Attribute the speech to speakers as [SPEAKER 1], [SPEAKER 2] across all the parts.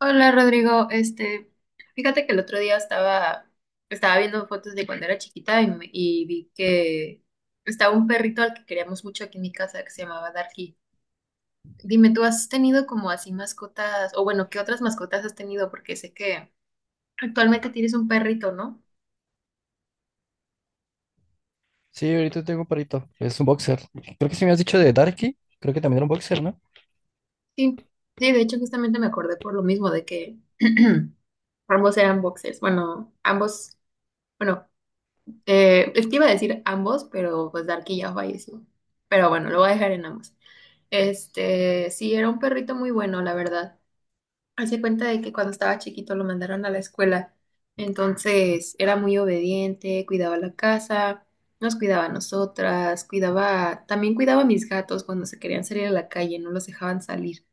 [SPEAKER 1] Hola Rodrigo, este, fíjate que el otro día estaba viendo fotos de cuando era chiquita y, y vi que estaba un perrito al que queríamos mucho aquí en mi casa que se llamaba Darky. Dime, ¿tú has tenido como así mascotas, o bueno, qué otras mascotas has tenido? Porque sé que actualmente tienes un perrito, ¿no?
[SPEAKER 2] Sí, ahorita tengo un perrito. Es un boxer. Creo que se me has dicho de Darky. Creo que también era un boxer, ¿no?
[SPEAKER 1] Sí, sí, de hecho justamente me acordé por lo mismo de que ambos eran boxers, bueno, ambos, bueno, te iba a decir ambos, pero pues Darky ya falleció. Pero bueno, lo voy a dejar en ambos. Este, sí, era un perrito muy bueno, la verdad. Hace cuenta de que cuando estaba chiquito lo mandaron a la escuela. Entonces, era muy obediente, cuidaba la casa, nos cuidaba a nosotras, cuidaba, también cuidaba a mis gatos cuando se querían salir a la calle, no los dejaban salir.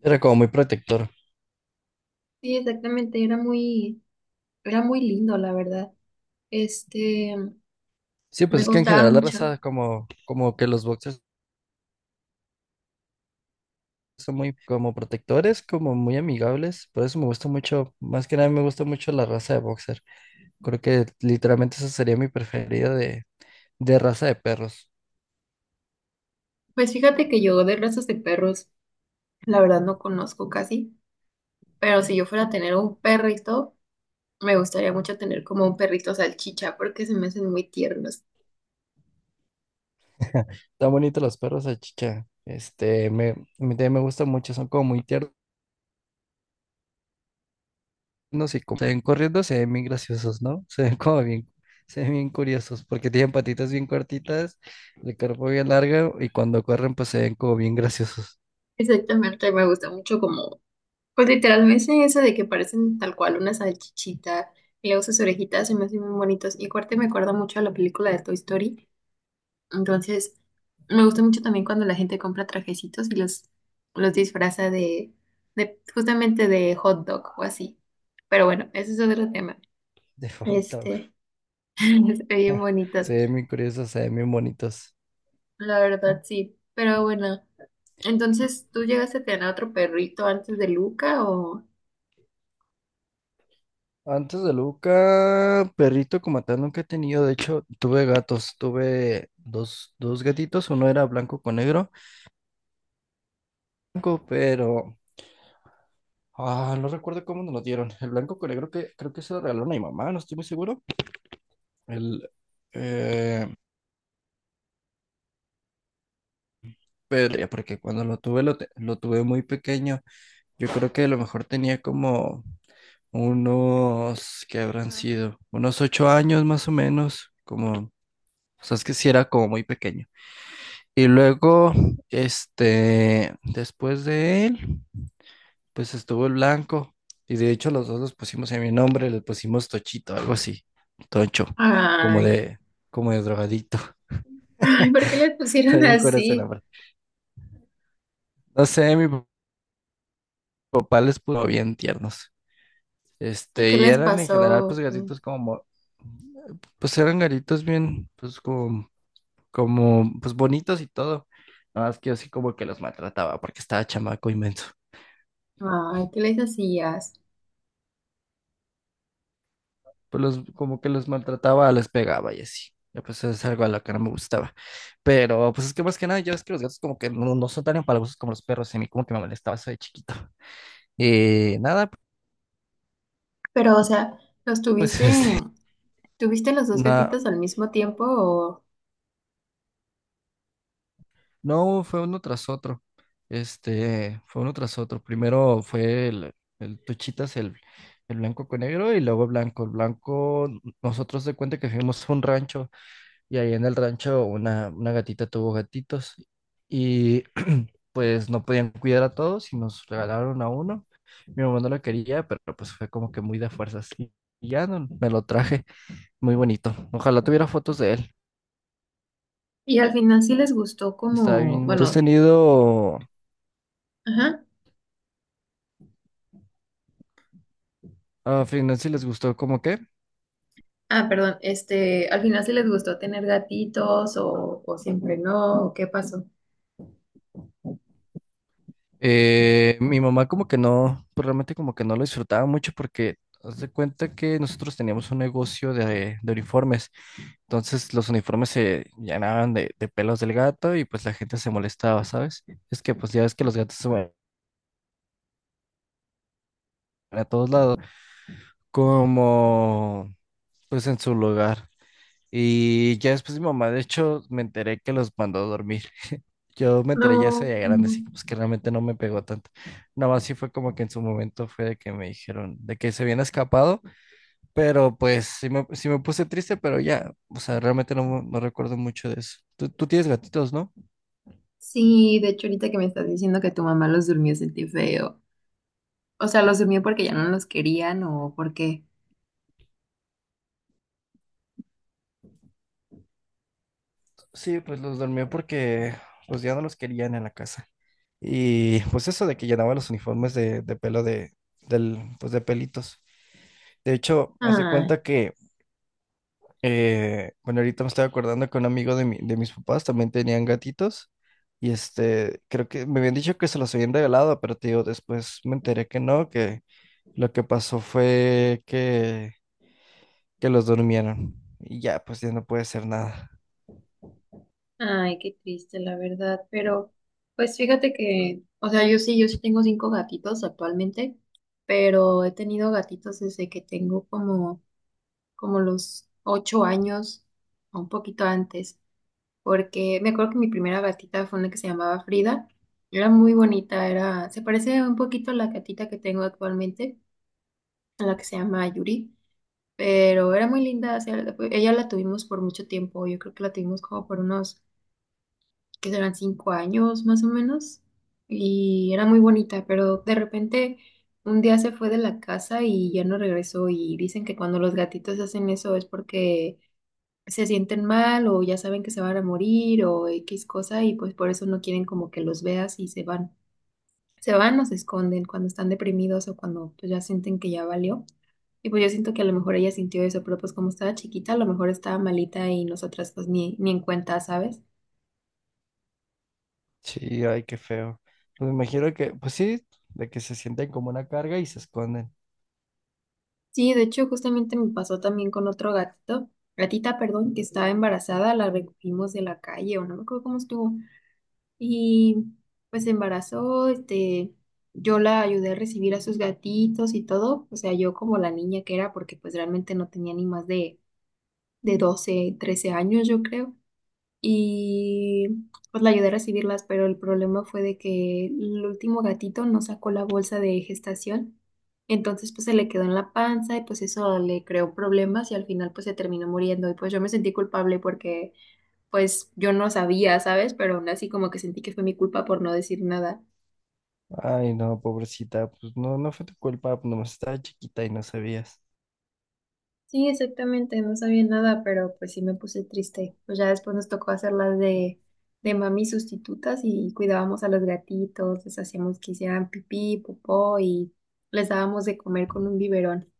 [SPEAKER 2] Era como muy protector.
[SPEAKER 1] Sí, exactamente, era muy lindo, la verdad. Este,
[SPEAKER 2] Sí,
[SPEAKER 1] me
[SPEAKER 2] pues es que en
[SPEAKER 1] gustaba
[SPEAKER 2] general la
[SPEAKER 1] mucho.
[SPEAKER 2] raza como que los boxers son muy como protectores, como muy amigables. Por eso me gusta mucho, más que nada me gusta mucho la raza de boxer. Creo que literalmente esa sería mi preferida de raza de perros.
[SPEAKER 1] Pues fíjate que yo de razas de perros, la verdad no conozco casi, pero si yo fuera a tener un perrito, me gustaría mucho tener como un perrito salchicha porque se me hacen muy tiernos.
[SPEAKER 2] Están bonitos los perros salchicha. A mí también me gustan mucho, son como muy tiernos y como se ven corriendo, se ven bien graciosos, ¿no? Se ven bien curiosos, porque tienen patitas bien cortitas, el cuerpo bien largo y cuando corren, pues se ven como bien graciosos.
[SPEAKER 1] Exactamente, me gusta mucho como, pues literalmente eso de que parecen tal cual una salchichita y luego sus orejitas se me hacen muy bonitos. Y aparte me acuerda mucho a la película de Toy Story. Entonces, me gusta mucho también cuando la gente compra trajecitos y los disfraza de justamente de hot dog o así. Pero bueno, ese es otro tema.
[SPEAKER 2] De falta, güey.
[SPEAKER 1] Este, se ven bonitos,
[SPEAKER 2] Se ven bien curiosos, se ven bien bonitos.
[SPEAKER 1] la verdad sí. Pero bueno. Entonces, ¿tú llegaste a tener otro perrito antes de Luca o...?
[SPEAKER 2] Antes de Luca, perrito como tal nunca he tenido. De hecho, tuve gatos, tuve dos gatitos, uno era blanco con negro, blanco, pero ah, no recuerdo cómo nos lo dieron. El blanco con negro que creo que se lo regalaron a mi mamá, no estoy muy seguro. El, eh, pero ya, porque cuando lo tuve, lo tuve muy pequeño. Yo creo que a lo mejor tenía como unos, ¿qué habrán sido? Unos 8 años más o menos. Como, o sea, es que sí era como muy pequeño. Y luego, después de él. Pues estuvo el blanco y de hecho los dos los pusimos en mi nombre, le pusimos Tochito, algo así, Tocho, como
[SPEAKER 1] Ay,
[SPEAKER 2] de, como de drogadito,
[SPEAKER 1] ay, ¿por qué les pusieron
[SPEAKER 2] también con ese.
[SPEAKER 1] así?
[SPEAKER 2] No sé, mi papá les puso bien tiernos.
[SPEAKER 1] ¿Y qué
[SPEAKER 2] Y
[SPEAKER 1] les
[SPEAKER 2] eran en general pues
[SPEAKER 1] pasó?
[SPEAKER 2] gatitos como, pues eran gatitos bien, pues pues bonitos y todo. Nada más que yo sí como que los maltrataba porque estaba chamaco inmenso.
[SPEAKER 1] Ay, ¿qué les hacías?
[SPEAKER 2] Pues como que los maltrataba, les pegaba y así. Ya, pues es algo a lo que no me gustaba. Pero pues es que más que nada, yo es que los gatos como que no, no son tan empalagosos como los perros, y a mí como que me molestaba eso de chiquito. Y nada,
[SPEAKER 1] Pero, o sea, ¿los
[SPEAKER 2] pues
[SPEAKER 1] tuviste, tuviste los dos
[SPEAKER 2] na-
[SPEAKER 1] gatitos al mismo tiempo o...
[SPEAKER 2] no, fue uno tras otro. Fue uno tras otro. Primero fue el Tuchitas, el blanco con negro, y luego blanco. El blanco, nosotros de cuenta que fuimos a un rancho, y ahí en el rancho una gatita tuvo gatitos. Y pues no podían cuidar a todos y nos regalaron a uno. Mi mamá no lo quería, pero pues fue como que muy de fuerzas. Y me lo traje, muy bonito. Ojalá tuviera fotos de él.
[SPEAKER 1] Y al final sí les gustó
[SPEAKER 2] Está bien,
[SPEAKER 1] como,
[SPEAKER 2] bueno. ¿Tú has
[SPEAKER 1] bueno,
[SPEAKER 2] tenido
[SPEAKER 1] ajá.
[SPEAKER 2] a final si les gustó como que?
[SPEAKER 1] Ah, perdón, este, al final sí les gustó tener gatitos o siempre no, ¿o ¿qué pasó?
[SPEAKER 2] Mi mamá como que no, pues realmente como que no lo disfrutaba mucho porque haz de cuenta que nosotros teníamos un negocio de uniformes. Entonces los uniformes se llenaban de pelos del gato y pues la gente se molestaba, ¿sabes? Es que pues ya ves que los gatos se a todos lados, como pues en su lugar. Y ya después mi mamá, de hecho, me enteré que los mandó a dormir. Yo me enteré ya
[SPEAKER 1] No,
[SPEAKER 2] se grande, así que, pues que realmente no me pegó tanto. Nada más sí fue como que en su momento fue de que me dijeron de que se habían escapado, pero pues sí me puse triste, pero ya, o sea, realmente no, no recuerdo mucho de eso. Tú tienes gatitos, ¿no?
[SPEAKER 1] sí, de hecho ahorita que me estás diciendo que tu mamá los durmió sentí feo. O sea, los durmió porque ya no los querían o porque...
[SPEAKER 2] Sí, pues los dormí porque pues ya no los querían en la casa. Y pues eso de que llenaban los uniformes de pelo del, pues de pelitos. De hecho, haz de
[SPEAKER 1] Ay,
[SPEAKER 2] cuenta que, bueno, ahorita me estoy acordando que un amigo de mis papás también tenían gatitos. Y creo que me habían dicho que se los habían regalado, pero te digo, después me enteré que no, que lo que pasó fue que los durmieron. Y ya, pues ya no puede hacer nada.
[SPEAKER 1] ay, qué triste, la verdad. Pero, pues fíjate que, o sea, yo sí tengo cinco gatitos actualmente, pero he tenido gatitos desde que tengo como, los 8 años, o un poquito antes, porque me acuerdo que mi primera gatita fue una que se llamaba Frida. Era muy bonita, era, se parece un poquito a la gatita que tengo actualmente, a la que se llama Yuri. Pero era muy linda. O sea, ella la tuvimos por mucho tiempo, yo creo que la tuvimos como por unos, que serán 5 años más o menos, y era muy bonita, pero de repente un día se fue de la casa y ya no regresó y dicen que cuando los gatitos hacen eso es porque se sienten mal o ya saben que se van a morir o X cosa y pues por eso no quieren como que los veas y se van. Se van o se esconden cuando están deprimidos o cuando pues, ya sienten que ya valió. Y pues yo siento que a lo mejor ella sintió eso, pero pues como estaba chiquita, a lo mejor estaba malita y nosotras pues ni en cuenta, ¿sabes?
[SPEAKER 2] Sí, ay, qué feo. Pues me imagino que, pues sí, de que se sienten como una carga y se esconden.
[SPEAKER 1] Sí, de hecho justamente me pasó también con otro gatita, perdón, que estaba embarazada, la recogimos de la calle o no me acuerdo cómo estuvo. Y pues se embarazó, este, yo la ayudé a recibir a sus gatitos y todo, o sea, yo como la niña que era, porque pues realmente no tenía ni más de, 12 13 años, yo creo. Y pues la ayudé a recibirlas, pero el problema fue de que el último gatito no sacó la bolsa de gestación, entonces pues se le quedó en la panza y pues eso le creó problemas y al final pues se terminó muriendo y pues yo me sentí culpable porque pues yo no sabía, ¿sabes? Pero aún así como que sentí que fue mi culpa por no decir nada.
[SPEAKER 2] Ay, no, pobrecita, pues no, no fue tu culpa, pues, nomás estaba chiquita y no sabías.
[SPEAKER 1] Sí, exactamente, no sabía nada, pero pues sí me puse triste. Pues ya después nos tocó hacerlas de mami sustitutas y cuidábamos a los gatitos, les hacíamos que hicieran pipí, popó y les dábamos de comer con un biberón.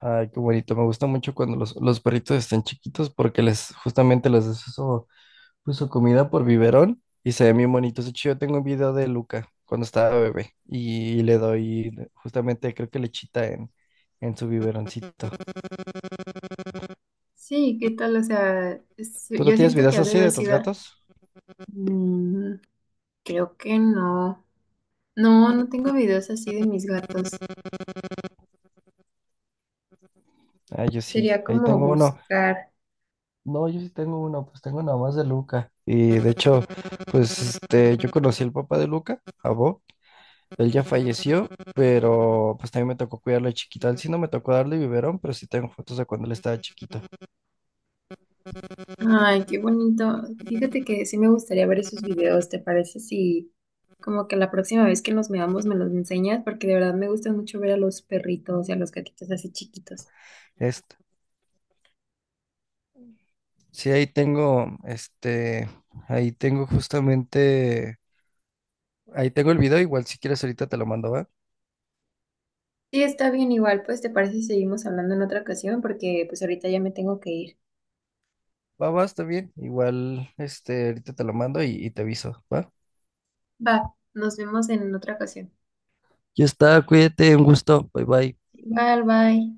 [SPEAKER 2] Ay, qué bonito. Me gusta mucho cuando los perritos están chiquitos porque les justamente les das eso, pues, su comida por biberón y se ven bien bonitos. De hecho, yo tengo un video de Luca cuando estaba bebé y le doy justamente creo que lechita en su biberoncito.
[SPEAKER 1] Sí, ¿qué tal? O sea,
[SPEAKER 2] ¿Tú no
[SPEAKER 1] yo
[SPEAKER 2] tienes
[SPEAKER 1] siento que
[SPEAKER 2] videos
[SPEAKER 1] ha de
[SPEAKER 2] así
[SPEAKER 1] haber
[SPEAKER 2] de tus
[SPEAKER 1] sido...
[SPEAKER 2] gatos?
[SPEAKER 1] Mm, creo que no. No, no tengo videos así de mis gatos.
[SPEAKER 2] Ah, yo sí,
[SPEAKER 1] Sería
[SPEAKER 2] ahí
[SPEAKER 1] como
[SPEAKER 2] tengo uno.
[SPEAKER 1] buscar.
[SPEAKER 2] No, yo sí tengo uno, pues tengo nada más de Luca. Y de hecho, pues yo conocí al papá de Luca, a Bo. Él ya falleció, pero pues también me tocó cuidarlo de chiquito. A él sí no me tocó darle biberón, pero sí tengo fotos de cuando él estaba chiquito.
[SPEAKER 1] Ay, qué bonito. Fíjate que sí me gustaría ver esos videos, ¿te parece? Si como que la próxima vez que nos veamos me los enseñas, porque de verdad me gusta mucho ver a los perritos y a los gatitos así chiquitos.
[SPEAKER 2] Este, sí, ahí tengo, ahí tengo justamente, ahí tengo el video, igual si quieres ahorita te lo mando, ¿va?
[SPEAKER 1] Sí, está bien igual, pues ¿te parece si seguimos hablando en otra ocasión? Porque pues ahorita ya me tengo que ir.
[SPEAKER 2] Va, va, está bien. Igual, ahorita te lo mando y te aviso, ¿va?
[SPEAKER 1] Va, nos vemos en otra ocasión.
[SPEAKER 2] Ya está, cuídate, un gusto, bye bye.
[SPEAKER 1] Bye, bye.